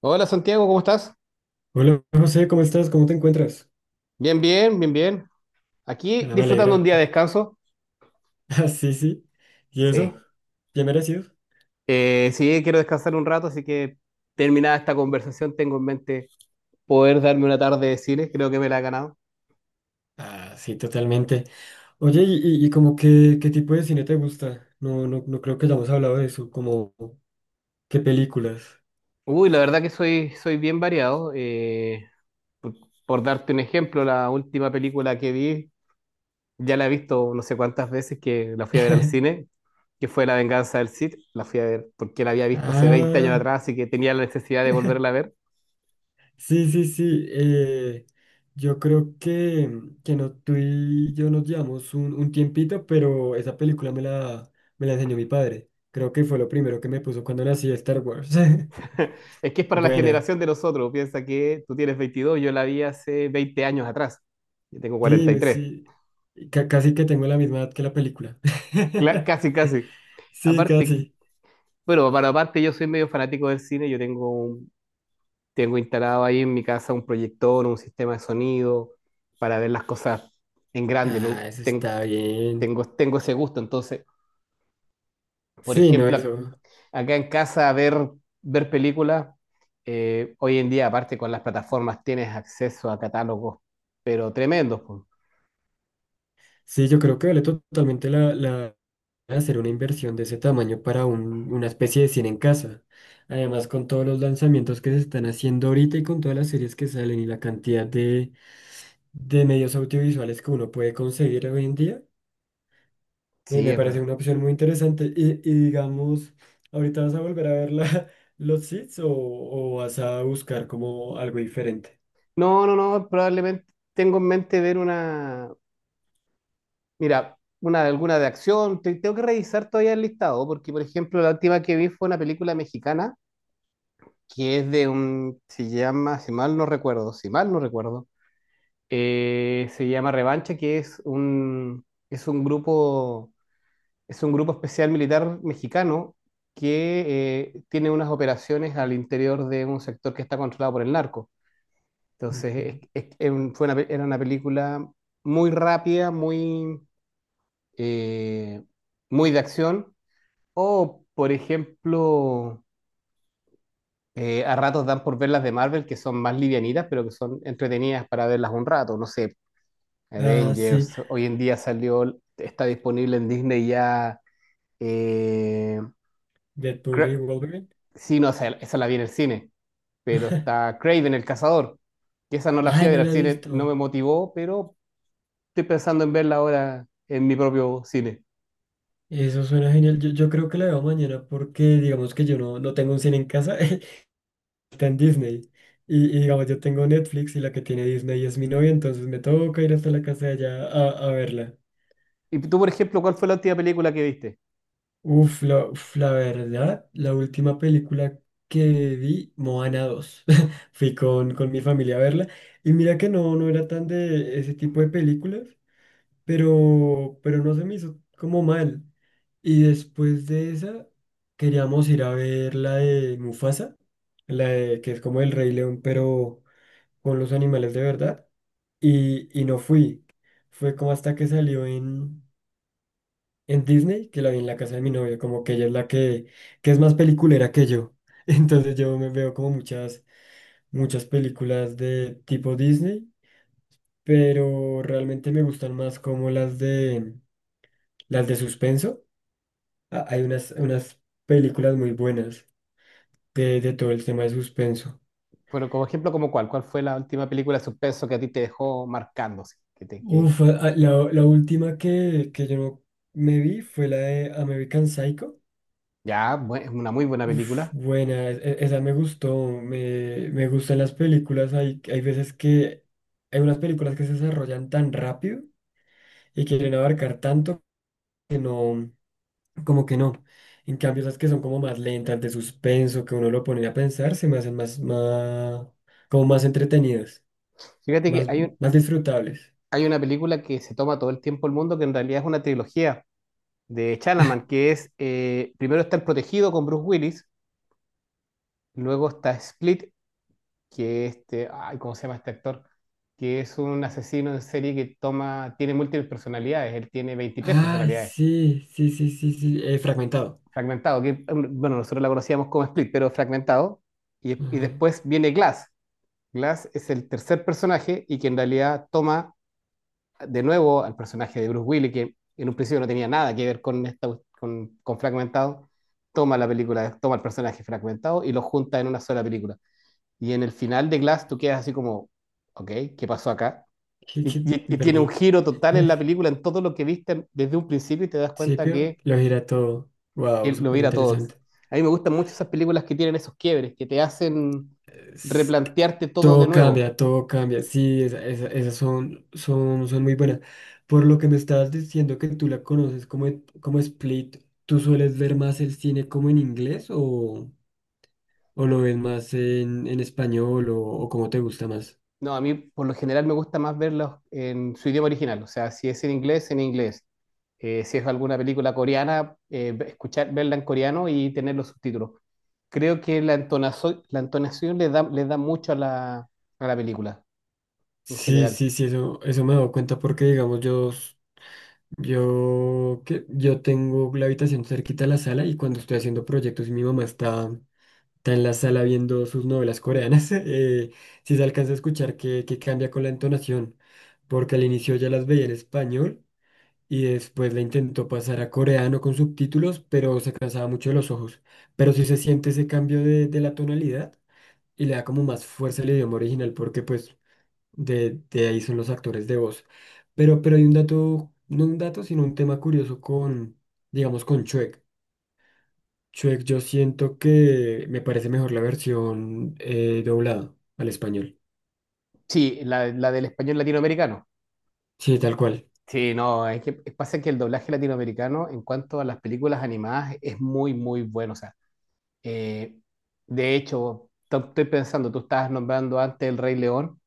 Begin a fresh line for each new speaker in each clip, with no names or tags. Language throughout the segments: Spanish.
Hola Santiago, ¿cómo estás?
Hola José, ¿cómo estás? ¿Cómo te encuentras?
Bien, bien, bien, bien. Aquí
Ah, me
disfrutando un
alegra.
día de descanso.
Ah, sí, sí. ¿Y eso?
Sí.
¿Bien merecido?
Sí, quiero descansar un rato, así que terminada esta conversación tengo en mente poder darme una tarde de cine, creo que me la ha ganado.
Ah, sí, totalmente. Oye, ¿y como qué qué tipo de cine te gusta? No, no, no creo que hayamos hablado de eso, como qué películas.
Uy, la verdad que soy bien variado. Por, por darte un ejemplo, la última película que vi, ya la he visto no sé cuántas veces que la fui a ver al cine, que fue La Venganza del Cid. La fui a ver porque la había visto hace 20 años
Ah,
atrás, así que tenía la necesidad de volverla a ver.
sí, sí, sí. Yo creo que no, tú y yo nos llevamos un tiempito, pero esa película me la enseñó mi padre. Creo que fue lo primero que me puso cuando nací Star Wars.
Es que es para la
Buena.
generación de nosotros. Piensa que tú tienes 22, yo la vi hace 20 años atrás. Yo tengo
Sí,
43.
sí, casi que tengo la misma edad que la película.
Casi, casi.
Sí,
Aparte,
casi.
bueno, para aparte yo soy medio fanático del cine. Tengo instalado ahí en mi casa un proyector, un sistema de sonido para ver las cosas en grande.
Ah, eso está bien.
Tengo, tengo ese gusto. Entonces, por
Sí, no,
ejemplo,
eso.
acá en casa ver películas, hoy en día, aparte con las plataformas, tienes acceso a catálogos, pero tremendos. Pues.
Sí, yo creo que vale totalmente la hacer una inversión de ese tamaño para una especie de cine en casa. Además, con todos los lanzamientos que se están haciendo ahorita y con todas las series que salen y la cantidad de medios audiovisuales que uno puede conseguir hoy en día.
Sí,
Me
es
parece
verdad.
una opción muy interesante. Y digamos, ¿ahorita vas a volver a ver los seeds o vas a buscar como algo diferente?
No, no, no, probablemente tengo en mente ver una, mira, una alguna de acción. Tengo que revisar todavía el listado, porque por ejemplo la última que vi fue una película mexicana que es de un, se llama, si mal no recuerdo, se llama Revancha, que es un grupo especial militar mexicano que tiene unas operaciones al interior de un sector que está controlado por el narco. Entonces,
Ujú.
es un- fue una pe- era una película muy rápida, muy, eh, muy de acción. O, por ejemplo, a ratos dan por ver las de Marvel, que son más livianitas, pero que son entretenidas para verlas un rato. No sé,
Ah, sí,
Avengers, hoy en día salió, está disponible en Disney ya. eh,
Deadpool y
Cra-
Wolverine.
sí, no, o sea, esa la vi en el cine, pero está Craven el Cazador. Y esa no la fui
Ay,
a ver
no
al
la he
cine, no
visto.
me motivó, pero estoy pensando en verla ahora en mi propio cine.
Eso suena genial. Yo creo que la veo mañana porque digamos que yo no, no tengo un cine en casa, está en Disney. Y digamos, yo tengo Netflix y la que tiene Disney es mi novia, entonces me toca ir hasta la casa de allá a verla.
¿Y tú, por ejemplo, cuál fue la última película que viste?
Uf, la verdad, la última película que vi, Moana dos. Fui con mi familia a verla. Y mira que no, no era tan de ese tipo de películas, pero no se me hizo como mal. Y después de esa, queríamos ir a ver la de Mufasa, la de, que es como el Rey León, pero con los animales de verdad. Y no fui. Fue como hasta que salió en Disney que la vi en la casa de mi novia, como que ella es la que es más peliculera que yo. Entonces yo me veo como muchas, muchas películas de tipo Disney, pero realmente me gustan más como las de suspenso. Ah, hay unas películas muy buenas de todo el tema de suspenso.
Bueno, como ejemplo, como cuál, ¿cuál fue la última película de suspenso que a ti te dejó marcándose?
Uf, la última que yo no me vi fue la de American Psycho.
Ya, es una muy buena
Uf,
película.
buena, esa me gustó, me gustan las películas, hay veces que hay unas películas que se desarrollan tan rápido y quieren abarcar tanto que no, como que no. En cambio, esas que son como más lentas, de suspenso, que uno lo pone a pensar, se me hacen como más entretenidas,
Fíjate que
más,
hay, un-
más disfrutables.
hay una película que se toma todo el tiempo el mundo, que en realidad es una trilogía de Chalaman, que es, primero está El Protegido con Bruce Willis, luego está Split, que este, ay, ¿cómo se llama este actor? Que es un asesino en serie que toma, tiene múltiples personalidades, él tiene 23
Ay,
personalidades.
sí, sí, sí, sí, sí, fragmentado.
Fragmentado, que bueno, nosotros la conocíamos como Split, pero Fragmentado. Y,
Ajá.
después viene Glass. Glass es el tercer personaje y que en realidad toma de nuevo al personaje de Bruce Willis, que en un principio no tenía nada que ver con, esta, con Fragmentado, toma la película, toma el personaje fragmentado y lo junta en una sola película. Y en el final de Glass tú quedas así como, ok, ¿qué pasó acá?
¿Qué,
Y,
qué?
y-
Me
y tiene un
perdí.
giro total en
Al
la película, en todo lo que viste desde un principio y te das cuenta
principio lo gira todo.
que
Wow,
lo
súper
viera todo.
interesante.
A mí me gustan mucho esas películas que tienen esos quiebres, que te hacen
Es que
replantearte todo de
todo
nuevo.
cambia, todo cambia. Sí, esas son, son, son muy buenas. Por lo que me estabas diciendo que tú la conoces como, como Split, ¿tú sueles ver más el cine como en inglés o lo ves más en español o cómo te gusta más?
No, a mí por lo general me gusta más verlos en su idioma original, o sea, si es en inglés, en inglés. Si es alguna película coreana, escuchar, verla en coreano y tener los subtítulos. Creo que la entonación le da mucho a la película en
Sí,
general.
sí, sí, eso me he dado cuenta porque, digamos, yo, s- yo, que, yo tengo la habitación cerquita a la sala y cuando estoy haciendo proyectos y mi mamá está está en la sala viendo sus novelas coreanas. Si se alcanza a escuchar que cambia con la entonación, porque al inicio ya las veía en español y después la intentó pasar a coreano con subtítulos, pero se cansaba mucho de los ojos. Pero sí se siente ese cambio de la tonalidad y le da como más fuerza al idioma original, porque pues de ahí son los actores de voz. Pero hay un dato, no un dato, sino un tema curioso con, digamos, con Chuek. Shrek, yo siento que me parece mejor la versión doblada al español.
Sí, la del español latinoamericano.
Sí, tal cual.
Sí, no, es que pasa que el doblaje latinoamericano en cuanto a las películas animadas es muy, muy bueno. O sea, eh, de hecho, estoy pensando, tú estabas nombrando antes El Rey León,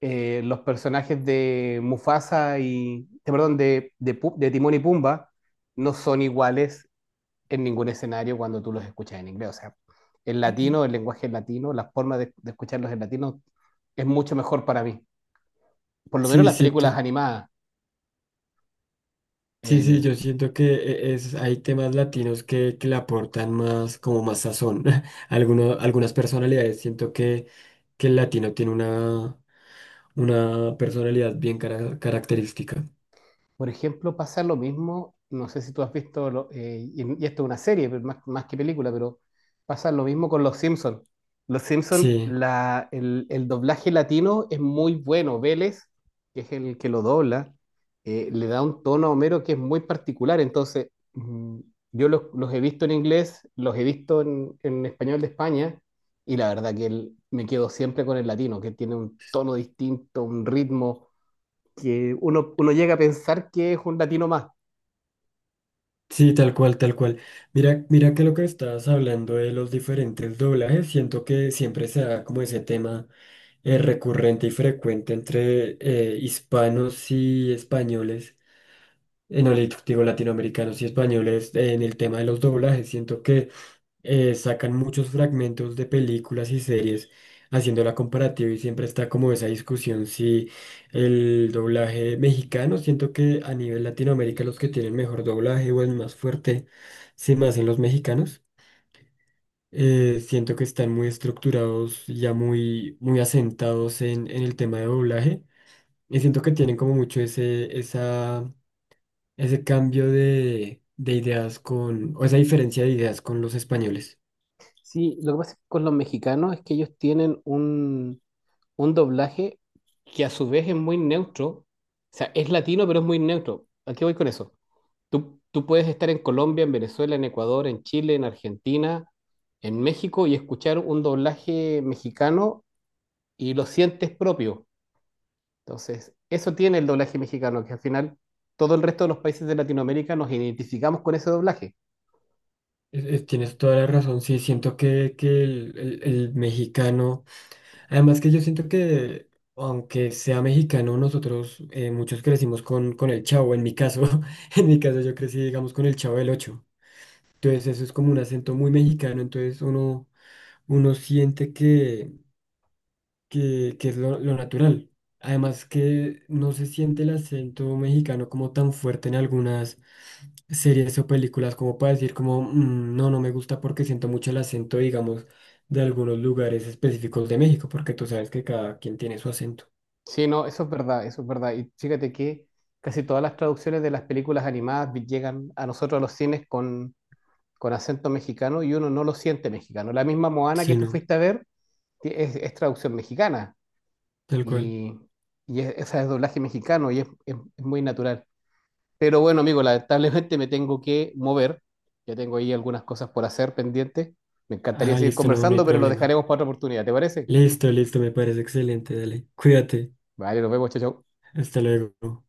los personajes de Mufasa y, perdón, de Timón y Pumba no son iguales en ningún escenario cuando tú los escuchas en inglés. O sea, el latino, el lenguaje latino, la forma de escucharlos en latino es mucho mejor para mí. Por lo menos
Sí,
las películas
siento,
animadas.
sí, sí, yo siento que hay temas latinos que le aportan más, como más sazón. Algunas personalidades, siento que el latino tiene una personalidad característica.
Por ejemplo, pasa lo mismo, no sé si tú has visto, y esto es una serie, pero más, más que película, pero pasa lo mismo con Los Simpsons. Los Simpsons,
Sí.
el doblaje latino es muy bueno. Vélez, que es el que lo dobla, le da un tono a Homero que es muy particular. Entonces, yo los he visto en inglés, los he visto en español de España, y la verdad que me quedo siempre con el latino, que tiene un tono distinto, un ritmo que uno, uno llega a pensar que es un latino más.
Sí, tal cual, tal cual. Mira, mira que lo que estabas hablando de los diferentes doblajes, siento que siempre se da como ese tema recurrente y frecuente entre hispanos y españoles. No le digo latinoamericanos y españoles en el tema de los doblajes. Siento que sacan muchos fragmentos de películas y series haciendo la comparativa y siempre está como esa discusión si el doblaje mexicano, siento que a nivel Latinoamérica los que tienen mejor doblaje o el más fuerte se me hacen los mexicanos. Siento que están muy estructurados, ya muy, muy asentados en el tema de doblaje y siento que tienen como mucho esa, ese cambio de ideas con, o esa diferencia de ideas con los españoles.
Sí, lo que pasa con los mexicanos es que ellos tienen un doblaje que a su vez es muy neutro. O sea, es latino, pero es muy neutro. ¿A qué voy con eso? Tú puedes estar en Colombia, en Venezuela, en Ecuador, en Chile, en Argentina, en México y escuchar un doblaje mexicano y lo sientes propio. Entonces, eso tiene el doblaje mexicano, que al final todo el resto de los países de Latinoamérica nos identificamos con ese doblaje.
Tienes toda la razón, sí, siento que el mexicano, además que yo siento que aunque sea mexicano, nosotros muchos crecimos con el Chavo, en mi caso. En mi caso yo crecí, digamos, con el Chavo del Ocho, entonces eso es como un acento muy mexicano, entonces uno, uno siente que es lo natural. Además que no se siente el acento mexicano como tan fuerte en algunas series o películas como para decir como, "Mm, no, no me gusta porque siento mucho el acento, digamos, de algunos lugares específicos de México, porque tú sabes que cada quien tiene su acento".
Sí, no, eso es verdad, eso es verdad. Y fíjate que casi todas las traducciones de las películas animadas llegan a nosotros a los cines con acento mexicano y uno no lo siente mexicano. La misma Moana que
Sí,
tú
no,
fuiste a ver es traducción mexicana
tal cual.
y, esa es doblaje mexicano y es, es muy natural. Pero bueno, amigo, lamentablemente me tengo que mover. Ya tengo ahí algunas cosas por hacer pendientes. Me encantaría
Ah,
seguir
listo, no, no hay
conversando, pero lo
problema.
dejaremos para otra oportunidad, ¿te parece?
Listo, listo, me parece excelente, dale. Cuídate.
Vale, nos vemos, chao, chao.
Hasta luego.